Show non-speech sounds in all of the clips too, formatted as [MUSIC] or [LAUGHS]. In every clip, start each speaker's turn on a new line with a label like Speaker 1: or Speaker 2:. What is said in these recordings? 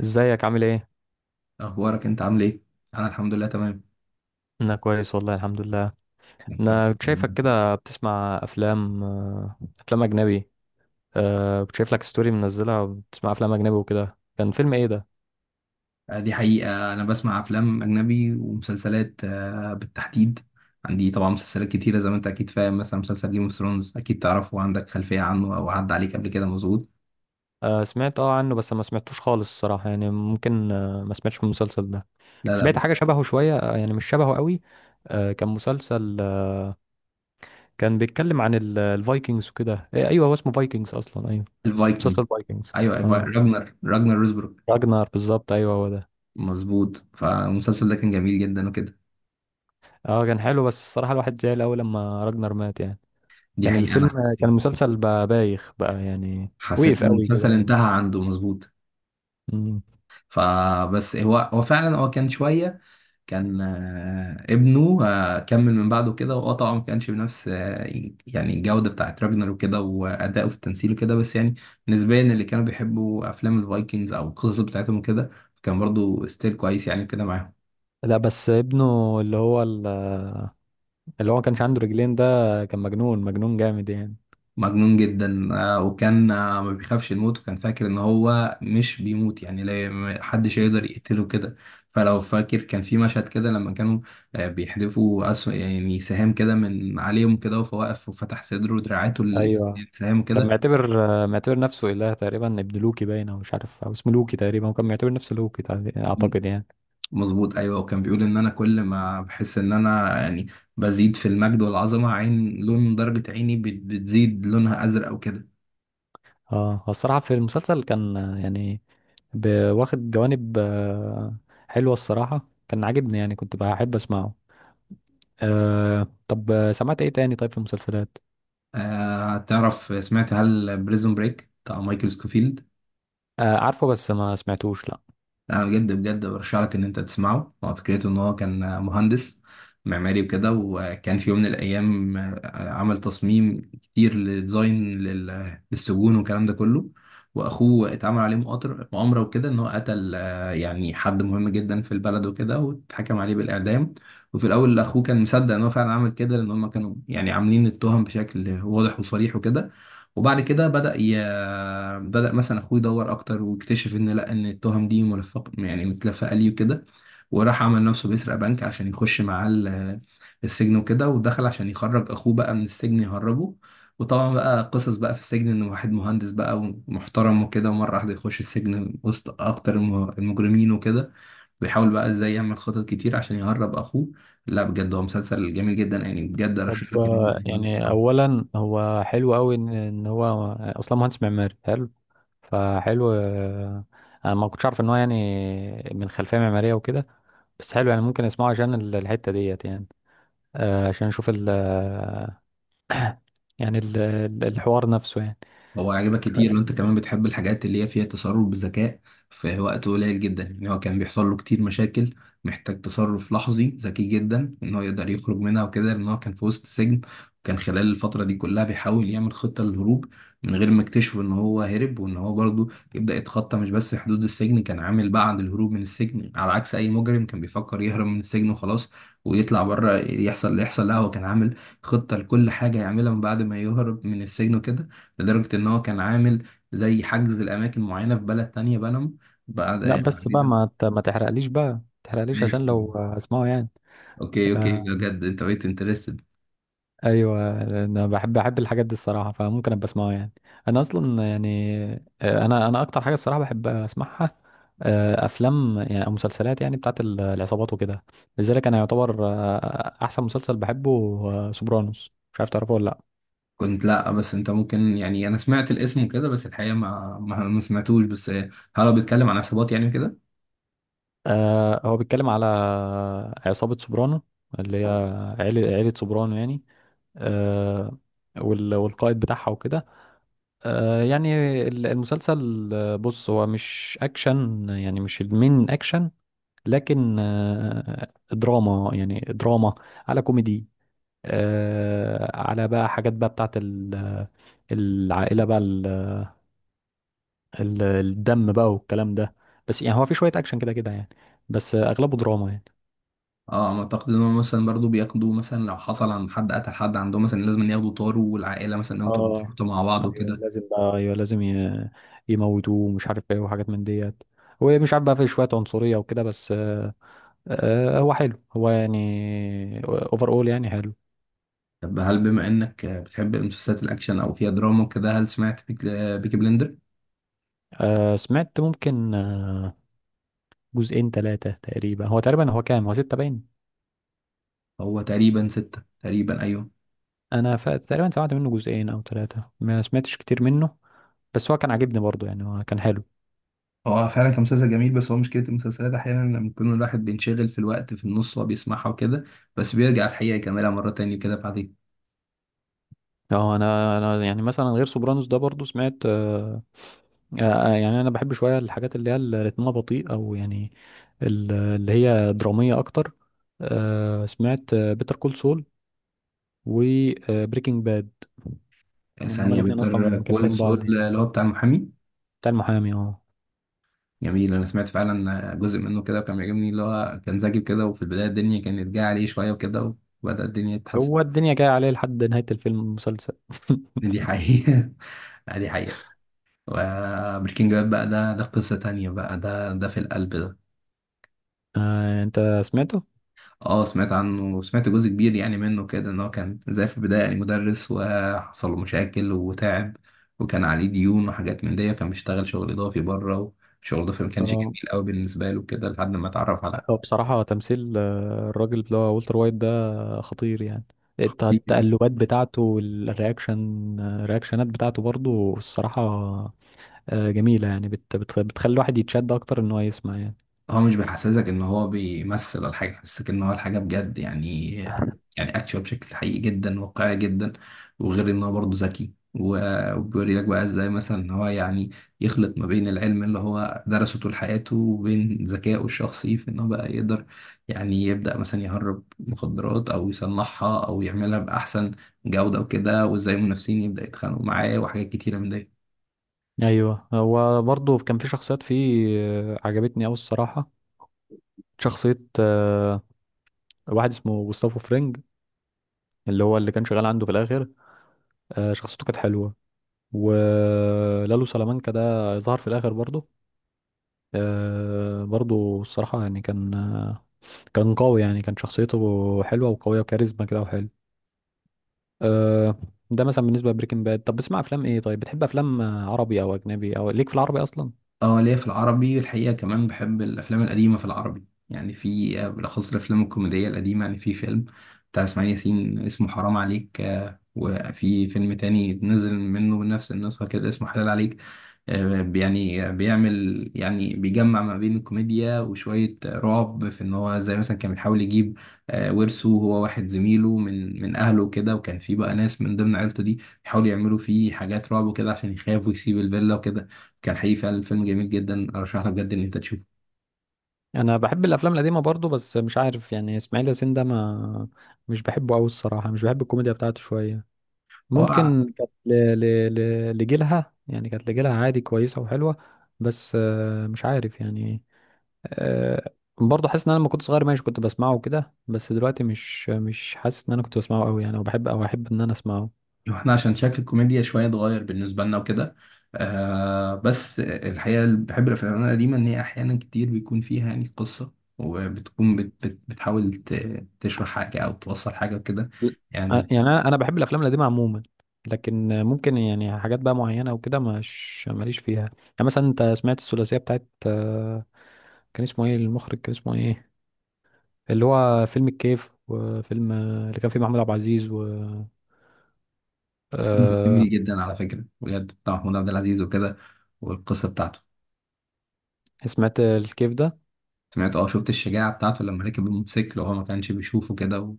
Speaker 1: ازيك عامل ايه؟
Speaker 2: اخبارك انت عامل ايه؟ انا الحمد لله تمام.
Speaker 1: انا كويس والله الحمد لله. انا كنت شايفك كده بتسمع افلام افلام اجنبي. أه كنت شايف لك ستوري منزلها بتسمع افلام اجنبي وكده، كان فيلم ايه ده؟
Speaker 2: دي حقيقة انا بسمع افلام اجنبي ومسلسلات، بالتحديد. عندي طبعا مسلسلات كتيرة زي ما انت اكيد فاهم، مثلا مسلسل جيم اوف ثرونز اكيد تعرفه وعندك خلفية عنه او عدى عليك قبل كده، مظبوط.
Speaker 1: أه سمعت اه عنه بس ما سمعتوش خالص الصراحة، يعني ممكن أه ما سمعتش من المسلسل ده.
Speaker 2: لا
Speaker 1: سمعت
Speaker 2: لا.
Speaker 1: حاجة شبهه شوية، يعني مش شبهه قوي. أه كان مسلسل كان بيتكلم عن الفايكنجز وكده، إيه، ايوه هو اسمه فايكنجز اصلا، ايوه
Speaker 2: الفايكنج.
Speaker 1: مسلسل فايكنجز.
Speaker 2: ايوه
Speaker 1: اه
Speaker 2: راجنر، روزبروك.
Speaker 1: راجنر بالظبط، ايوه هو ده.
Speaker 2: مظبوط، فالمسلسل ده كان جميل جدا وكده.
Speaker 1: اه كان حلو بس الصراحة الواحد زعل أوي لما راجنر مات يعني.
Speaker 2: دي
Speaker 1: كان
Speaker 2: حقيقة
Speaker 1: الفيلم،
Speaker 2: انا
Speaker 1: كان
Speaker 2: حسيت،
Speaker 1: المسلسل بقى بايخ بقى يعني،
Speaker 2: حسيت
Speaker 1: وقف
Speaker 2: ان
Speaker 1: أوي كده
Speaker 2: المسلسل
Speaker 1: يعني.
Speaker 2: انتهى عنده مظبوط.
Speaker 1: مم.
Speaker 2: فبس هو فعلا هو كان شوية، كان، ابنه كمل من بعده كده، واه طبعا ما كانش بنفس، يعني الجودة بتاعت راجنر وكده وأداؤه في التمثيل وكده، بس يعني نسبيا اللي كانوا بيحبوا أفلام الفايكنجز أو القصص بتاعتهم وكده كان برضو ستيل كويس يعني كده معاهم.
Speaker 1: لا بس ابنه اللي هو ما كانش عنده رجلين ده، كان مجنون، مجنون جامد يعني.
Speaker 2: مجنون جدا، وكان، ما بيخافش يموت وكان فاكر ان هو مش بيموت يعني، لا ما حدش
Speaker 1: مم.
Speaker 2: يقدر يقتله كده. فلو فاكر كان في مشهد كده لما كانوا، بيحدفوا أسو يعني سهام كده من عليهم كده، وهو واقف وفتح صدره ودراعاته
Speaker 1: ايوه
Speaker 2: السهام
Speaker 1: كان
Speaker 2: كده.
Speaker 1: معتبر، معتبر نفسه إله تقريبا، ابن لوكي باين او مش عارف، او اسمه لوكي تقريبا، وكان معتبر نفسه لوكي اعتقد يعني.
Speaker 2: مظبوط ايوه، وكان بيقول ان انا كل ما بحس ان انا يعني بزيد في المجد والعظمه، عين لون درجه عيني بتزيد لونها ازرق وكده.
Speaker 1: اه هو الصراحة في المسلسل كان، يعني واخد جوانب حلوة الصراحة، كان عاجبني يعني كنت بحب اسمعه. أه طب سمعت ايه تاني طيب في المسلسلات؟
Speaker 2: آه تعرف، سمعت هل بريزون بريك بتاع مايكل سكوفيلد؟
Speaker 1: أه عارفه بس ما سمعتوش لا.
Speaker 2: انا بجد برشح لك ان انت تسمعه. هو فكرته ان هو كان مهندس معماري وكده، وكان في يوم من الايام عمل تصميم كتير لديزاين للسجون والكلام ده كله، واخوه اتعمل عليه مؤامره وكده ان هو قتل، يعني حد مهم جدا في البلد وكده، واتحكم عليه بالاعدام. وفي الاول اخوه كان مصدق ان هو فعلا عمل كده، لان هم كانوا يعني عاملين التهم بشكل واضح وصريح وكده. وبعد كده بدأ مثلا اخوه يدور اكتر واكتشف ان لا، ان التهم دي ملفق يعني متلفقه ليه وكده. وراح عمل نفسه بيسرق بنك عشان يخش معاه السجن وكده، ودخل عشان يخرج اخوه بقى من السجن، يهربه. وطبعا بقى قصص بقى في السجن، ان واحد مهندس بقى ومحترم وكده ومره واحده يخش السجن وسط اكتر المجرمين وكده، بيحاول بقى ازاي يعمل خطط كتير عشان يهرب اخوه. لا بجد هو مسلسل جميل جدا، يعني بجد
Speaker 1: طب
Speaker 2: ارشح لك إن أنت
Speaker 1: يعني
Speaker 2: تتفرج.
Speaker 1: اولا هو حلو قوي ان إن هو اصلا مهندس معماري حلو، فحلو انا ما كنتش عارف ان هو يعني من خلفيه معماريه وكده. بس حلو يعني ممكن اسمعه عشان الحته ديت يعني. أه عشان اشوف ال يعني الحوار نفسه يعني.
Speaker 2: هو عجبك كتير ان انت كمان بتحب الحاجات اللي هي فيها تصرف بذكاء في وقت قليل جدا، يعني هو كان بيحصل له كتير مشاكل محتاج تصرف لحظي ذكي جدا ان هو يقدر يخرج منها وكده، لان هو كان في وسط سجن. وكان خلال الفترة دي كلها بيحاول يعمل خطة للهروب من غير ما اكتشف ان هو هرب، وان هو برضه يبدأ يتخطى مش بس حدود السجن، كان عامل بعد الهروب من السجن على عكس اي مجرم كان بيفكر يهرب من السجن وخلاص ويطلع بره يحصل اللي يحصل، لا هو كان عامل خطة لكل حاجة يعملها من بعد ما يهرب من السجن وكده، لدرجة إن هو كان عامل زي حجز الأماكن معينة في بلد تانية، بنما، بعد
Speaker 1: لا
Speaker 2: يعني
Speaker 1: بس بقى
Speaker 2: ده.
Speaker 1: ما تحرقليش بقى، ما تحرقليش
Speaker 2: ماشي،
Speaker 1: عشان لو هسمعه يعني.
Speaker 2: أوكي أوكي،
Speaker 1: آه،
Speaker 2: بجد أنت بقيت انترستد.
Speaker 1: ايوه انا بحب الحاجات دي الصراحه، فممكن ابقى اسمعها يعني. انا اصلا يعني، انا اكتر حاجه الصراحه بحب اسمعها، افلام يعني او مسلسلات يعني بتاعت العصابات وكده. لذلك انا يعتبر احسن مسلسل بحبه، سوبرانوس، مش عارف تعرفه ولا لا.
Speaker 2: كنت لأ، بس أنت ممكن يعني أنا سمعت الاسم وكده، بس الحقيقة ما سمعتوش، بس هل هو بيتكلم عن عصابات يعني كده؟
Speaker 1: هو بيتكلم على عصابه سوبرانو، اللي هي عيله، عيله سوبرانو يعني، آه، والقائد بتاعها وكده. يعني المسلسل بص هو مش اكشن يعني، مش المين اكشن، لكن دراما يعني، دراما على كوميدي، على بقى حاجات بقى بتاعت العائلة بقى، الدم بقى والكلام ده. بس يعني هو في شوية اكشن كده كده يعني، بس اغلبه دراما يعني.
Speaker 2: اه ما اعتقد ان هم مثلا برضو بياخدوا، مثلا لو حصل عند حد قتل حد عندهم مثلا لازم ياخدوا طاروا والعائله مثلا لو
Speaker 1: اه
Speaker 2: تربطوا مع بعض
Speaker 1: ايوه
Speaker 2: وكده.
Speaker 1: لازم بقى، ايوه لازم يموتوه ومش عارف ايه وحاجات من ديت، ومش عارف بقى في شوية عنصرية وكده، بس هو حلو، هو يعني اوفر اول يعني حلو.
Speaker 2: طب هل بما انك بتحب المسلسلات الاكشن او فيها دراما وكده، هل سمعت بيكي بلندر؟
Speaker 1: سمعت ممكن جزئين ثلاثة تقريبا، هو تقريبا هو كام، هو ستة باين.
Speaker 2: هو تقريبا ستة تقريبا ايوه.
Speaker 1: انا ف... تقريبا سمعت منه جزئين او ثلاثة، ما سمعتش كتير منه، بس هو كان عاجبني برضه يعني، هو كان حلو.
Speaker 2: هو فعلا كان مسلسل جميل، بس هو مشكلة المسلسلات أحيانا لما يكون الواحد بينشغل في الوقت في النص وهو بيسمعها وكده، بس بيرجع الحقيقة يكملها مرة تانية كده بعد
Speaker 1: اه انا يعني مثلا غير سوبرانوس ده برضه سمعت، يعني انا بحب شويه الحاجات اللي هي اللي رتمها بطيء او يعني اللي هي دراميه اكتر. سمعت بيتر كول سول وبريكنج باد، يعني هما
Speaker 2: ثانية.
Speaker 1: الاتنين اصلا
Speaker 2: بيضطر كول
Speaker 1: مكملين
Speaker 2: سول
Speaker 1: بعض يعني،
Speaker 2: اللي هو بتاع المحامي.
Speaker 1: بتاع المحامي اه.
Speaker 2: جميل، أنا سمعت فعلا جزء منه كده وكان بيعجبني، اللي هو كان ذكي كده، وفي البداية الدنيا كانت جاية عليه شوية وكده، وبدأ الدنيا تتحسن.
Speaker 1: هو الدنيا جايه عليه لحد نهايه الفيلم المسلسل. [LAUGHS]
Speaker 2: دي حقيقة. [LAUGHS] دي حقيقة. وبريكنج باد بقى، ده قصة تانية بقى، ده في القلب ده.
Speaker 1: آه انت سمعته.
Speaker 2: اه سمعت عنه وسمعت جزء كبير يعني منه كده، ان هو كان زي في البداية يعني مدرس وحصل له مشاكل وتعب، وكان عليه ديون وحاجات من دي، كان بيشتغل شغل اضافي بره، وشغل اضافي ما كانش
Speaker 1: اه
Speaker 2: جميل قوي بالنسبة له كده لحد ما اتعرف
Speaker 1: هو بصراحه تمثيل الراجل اللي هو والتر وايت ده خطير يعني.
Speaker 2: على.
Speaker 1: التقلبات بتاعته والرياكشن، الرياكشنات بتاعته برضو الصراحه جميله يعني، بت بت بتخلي الواحد يتشد اكتر ان هو يسمع يعني.
Speaker 2: هو مش بيحسسك ان هو بيمثل الحاجه، بيحسسك ان هو الحاجه بجد يعني، يعني اكشوال بشكل حقيقي جدا واقعي جدا. وغير ان هو برضه ذكي وبيوري لك بقى ازاي مثلا ان هو يعني يخلط ما بين العلم اللي هو درسه طول حياته وبين ذكائه الشخصي، في ان هو بقى يقدر يعني يبدا مثلا يهرب مخدرات او يصنعها او يعملها باحسن جوده وكده، وازاي المنافسين يبدا يتخانقوا معاه وحاجات كتيره من دي.
Speaker 1: ايوه هو برضو كان في شخصيات فيه عجبتني اوي الصراحه. شخصيه واحد اسمه جوستافو فرينج، اللي كان شغال عنده في الاخر، شخصيته كانت حلوه. ولالو سلامانكا ده ظهر في الاخر برضه، برضه الصراحه يعني كان كان قوي يعني، كان شخصيته حلوه وقويه وكاريزما كده وحلو. آه، ده مثلا بالنسبه لبريكنج باد. طب بتسمع افلام ايه؟ طيب بتحب افلام عربي او اجنبي، او ليك في العربي اصلا؟
Speaker 2: اه ليا في العربي الحقيقة، كمان بحب الأفلام القديمة في العربي، يعني في، بالأخص الأفلام الكوميدية القديمة، يعني في فيلم بتاع إسماعيل ياسين اسمه حرام عليك، وفي فيلم تاني نزل منه بنفس النسخة كده اسمه حلال عليك. يعني بيعمل، يعني بيجمع ما بين الكوميديا وشوية رعب، في إن هو زي مثلا كان بيحاول يجيب، ورثه هو واحد زميله من أهله وكده، وكان في بقى ناس من ضمن عيلته دي بيحاولوا يعملوا فيه حاجات رعب وكده عشان يخاف ويسيب الفيلا وكده. كان حقيقي فعلا فيلم جميل جدا، ارشح لك بجد ان انت تشوفه.
Speaker 1: انا بحب الافلام القديمه برضه، بس مش عارف يعني اسماعيل ياسين ده ما، مش بحبه قوي الصراحه، مش بحب الكوميديا بتاعته شويه.
Speaker 2: هو
Speaker 1: ممكن كانت لجيلها يعني كانت لجيلها عادي كويسة وحلوة، بس مش عارف يعني. آه، برضه حاسس ان انا لما كنت صغير ماشي كنت بسمعه وكده، بس دلوقتي مش حاسس ان انا كنت بسمعه قوي يعني وبحب او احب ان انا اسمعه.
Speaker 2: احنا عشان شكل الكوميديا شويه اتغير بالنسبه لنا وكده. آه، بس الحقيقه اللي بحب الافلام القديمه ان هي احيانا كتير بيكون فيها يعني قصه، وبتكون بت بتحاول تشرح حاجه او توصل حاجه وكده
Speaker 1: ل-
Speaker 2: يعني.
Speaker 1: يعني انا بحب الافلام القديمة عموما، لكن ممكن يعني حاجات بقى معينة وكده مش ماليش فيها يعني. مثلا انت سمعت الثلاثية بتاعت كان اسمه ايه المخرج، كان اسمه ايه، اللي هو فيلم الكيف وفيلم اللي كان فيه محمود عبد العزيز؟ أه
Speaker 2: جميل جدا على فكره، بجد بتاع محمود عبد العزيز وكده، والقصه بتاعته.
Speaker 1: سمعت الكيف ده.
Speaker 2: سمعت، اه شفت الشجاعه بتاعته لما ركب الموتوسيكل وهو ما كانش بيشوفه كده.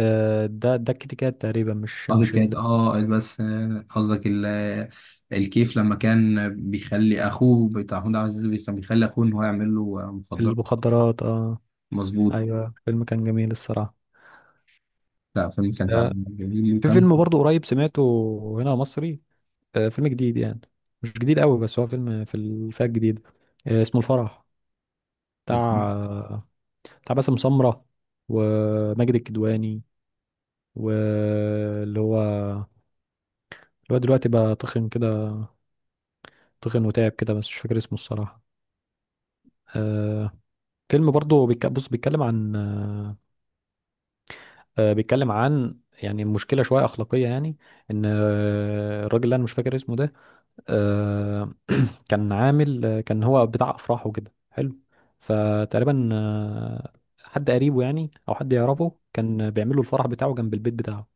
Speaker 1: أه ده ده الكتكات تقريبا، مش
Speaker 2: اه كيت
Speaker 1: مش
Speaker 2: كات،
Speaker 1: ال-،
Speaker 2: اه بس، قصدك الكيف، لما كان بيخلي اخوه بتاع محمود عبد العزيز كان بيخلي اخوه ان هو يعمل له، مخدرات.
Speaker 1: المخدرات اه.
Speaker 2: مظبوط.
Speaker 1: ايوه فيلم كان جميل الصراحه.
Speaker 2: لا فيلم كان فعلا
Speaker 1: أه
Speaker 2: جميل
Speaker 1: في
Speaker 2: وكان.
Speaker 1: فيلم برضو قريب سمعته، هنا مصري، أه فيلم جديد يعني، مش جديد قوي بس هو فيلم في الفئه الجديده. أه اسمه الفرح، بتاع، بتاع باسم سمره وماجد الكدواني، واللي هو اللي هو دلوقتي بقى تخن كده، تخن وتعب كده، بس مش فاكر اسمه الصراحه. أه فيلم برضه بص بيتكلم عن بيتكلم عن يعني مشكلة شوية أخلاقية يعني، إن الراجل اللي أنا مش فاكر اسمه ده آه، كان عامل كان هو بتاع أفراح وكده، حلو. فتقريبا حد قريبه يعني، أو حد يعرفه، كان بيعمل له الفرح بتاعه جنب البيت بتاعه،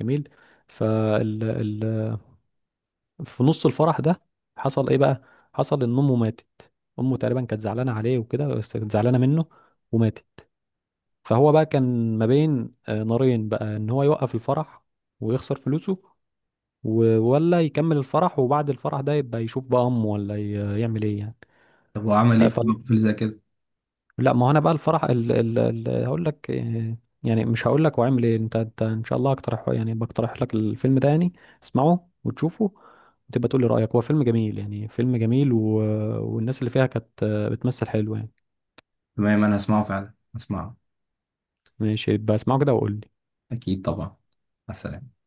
Speaker 1: جميل. فال ال... في نص الفرح ده حصل إيه بقى؟ حصل إن أمه ماتت. أمه تقريبا كانت زعلانة عليه وكده، بس كانت زعلانة منه، وماتت. فهو بقى كان ما بين نارين بقى، ان هو يوقف الفرح ويخسر فلوسه، ولا يكمل الفرح وبعد الفرح ده يبقى يشوف بقى امه، ولا يعمل ايه يعني.
Speaker 2: طب هو عمل ايه
Speaker 1: آه،
Speaker 2: في
Speaker 1: ف...
Speaker 2: فيلم زي كده؟
Speaker 1: لا ما هو انا بقى الفرح هقول لك يعني مش هقول لك، واعمل ايه انت، انت ان شاء الله اقترح يعني، بقترح لك الفيلم ده يعني، اسمعه وتشوفه وتبقى تقول لي رايك. هو فيلم جميل يعني، فيلم جميل، و... والناس اللي فيها كانت بتمثل حلو يعني.
Speaker 2: تمام انا هسمعه، فعلا هسمعه.
Speaker 1: ماشي يبقى اسمعه كده وقول لي.
Speaker 2: اكيد طبعا، مع السلامه.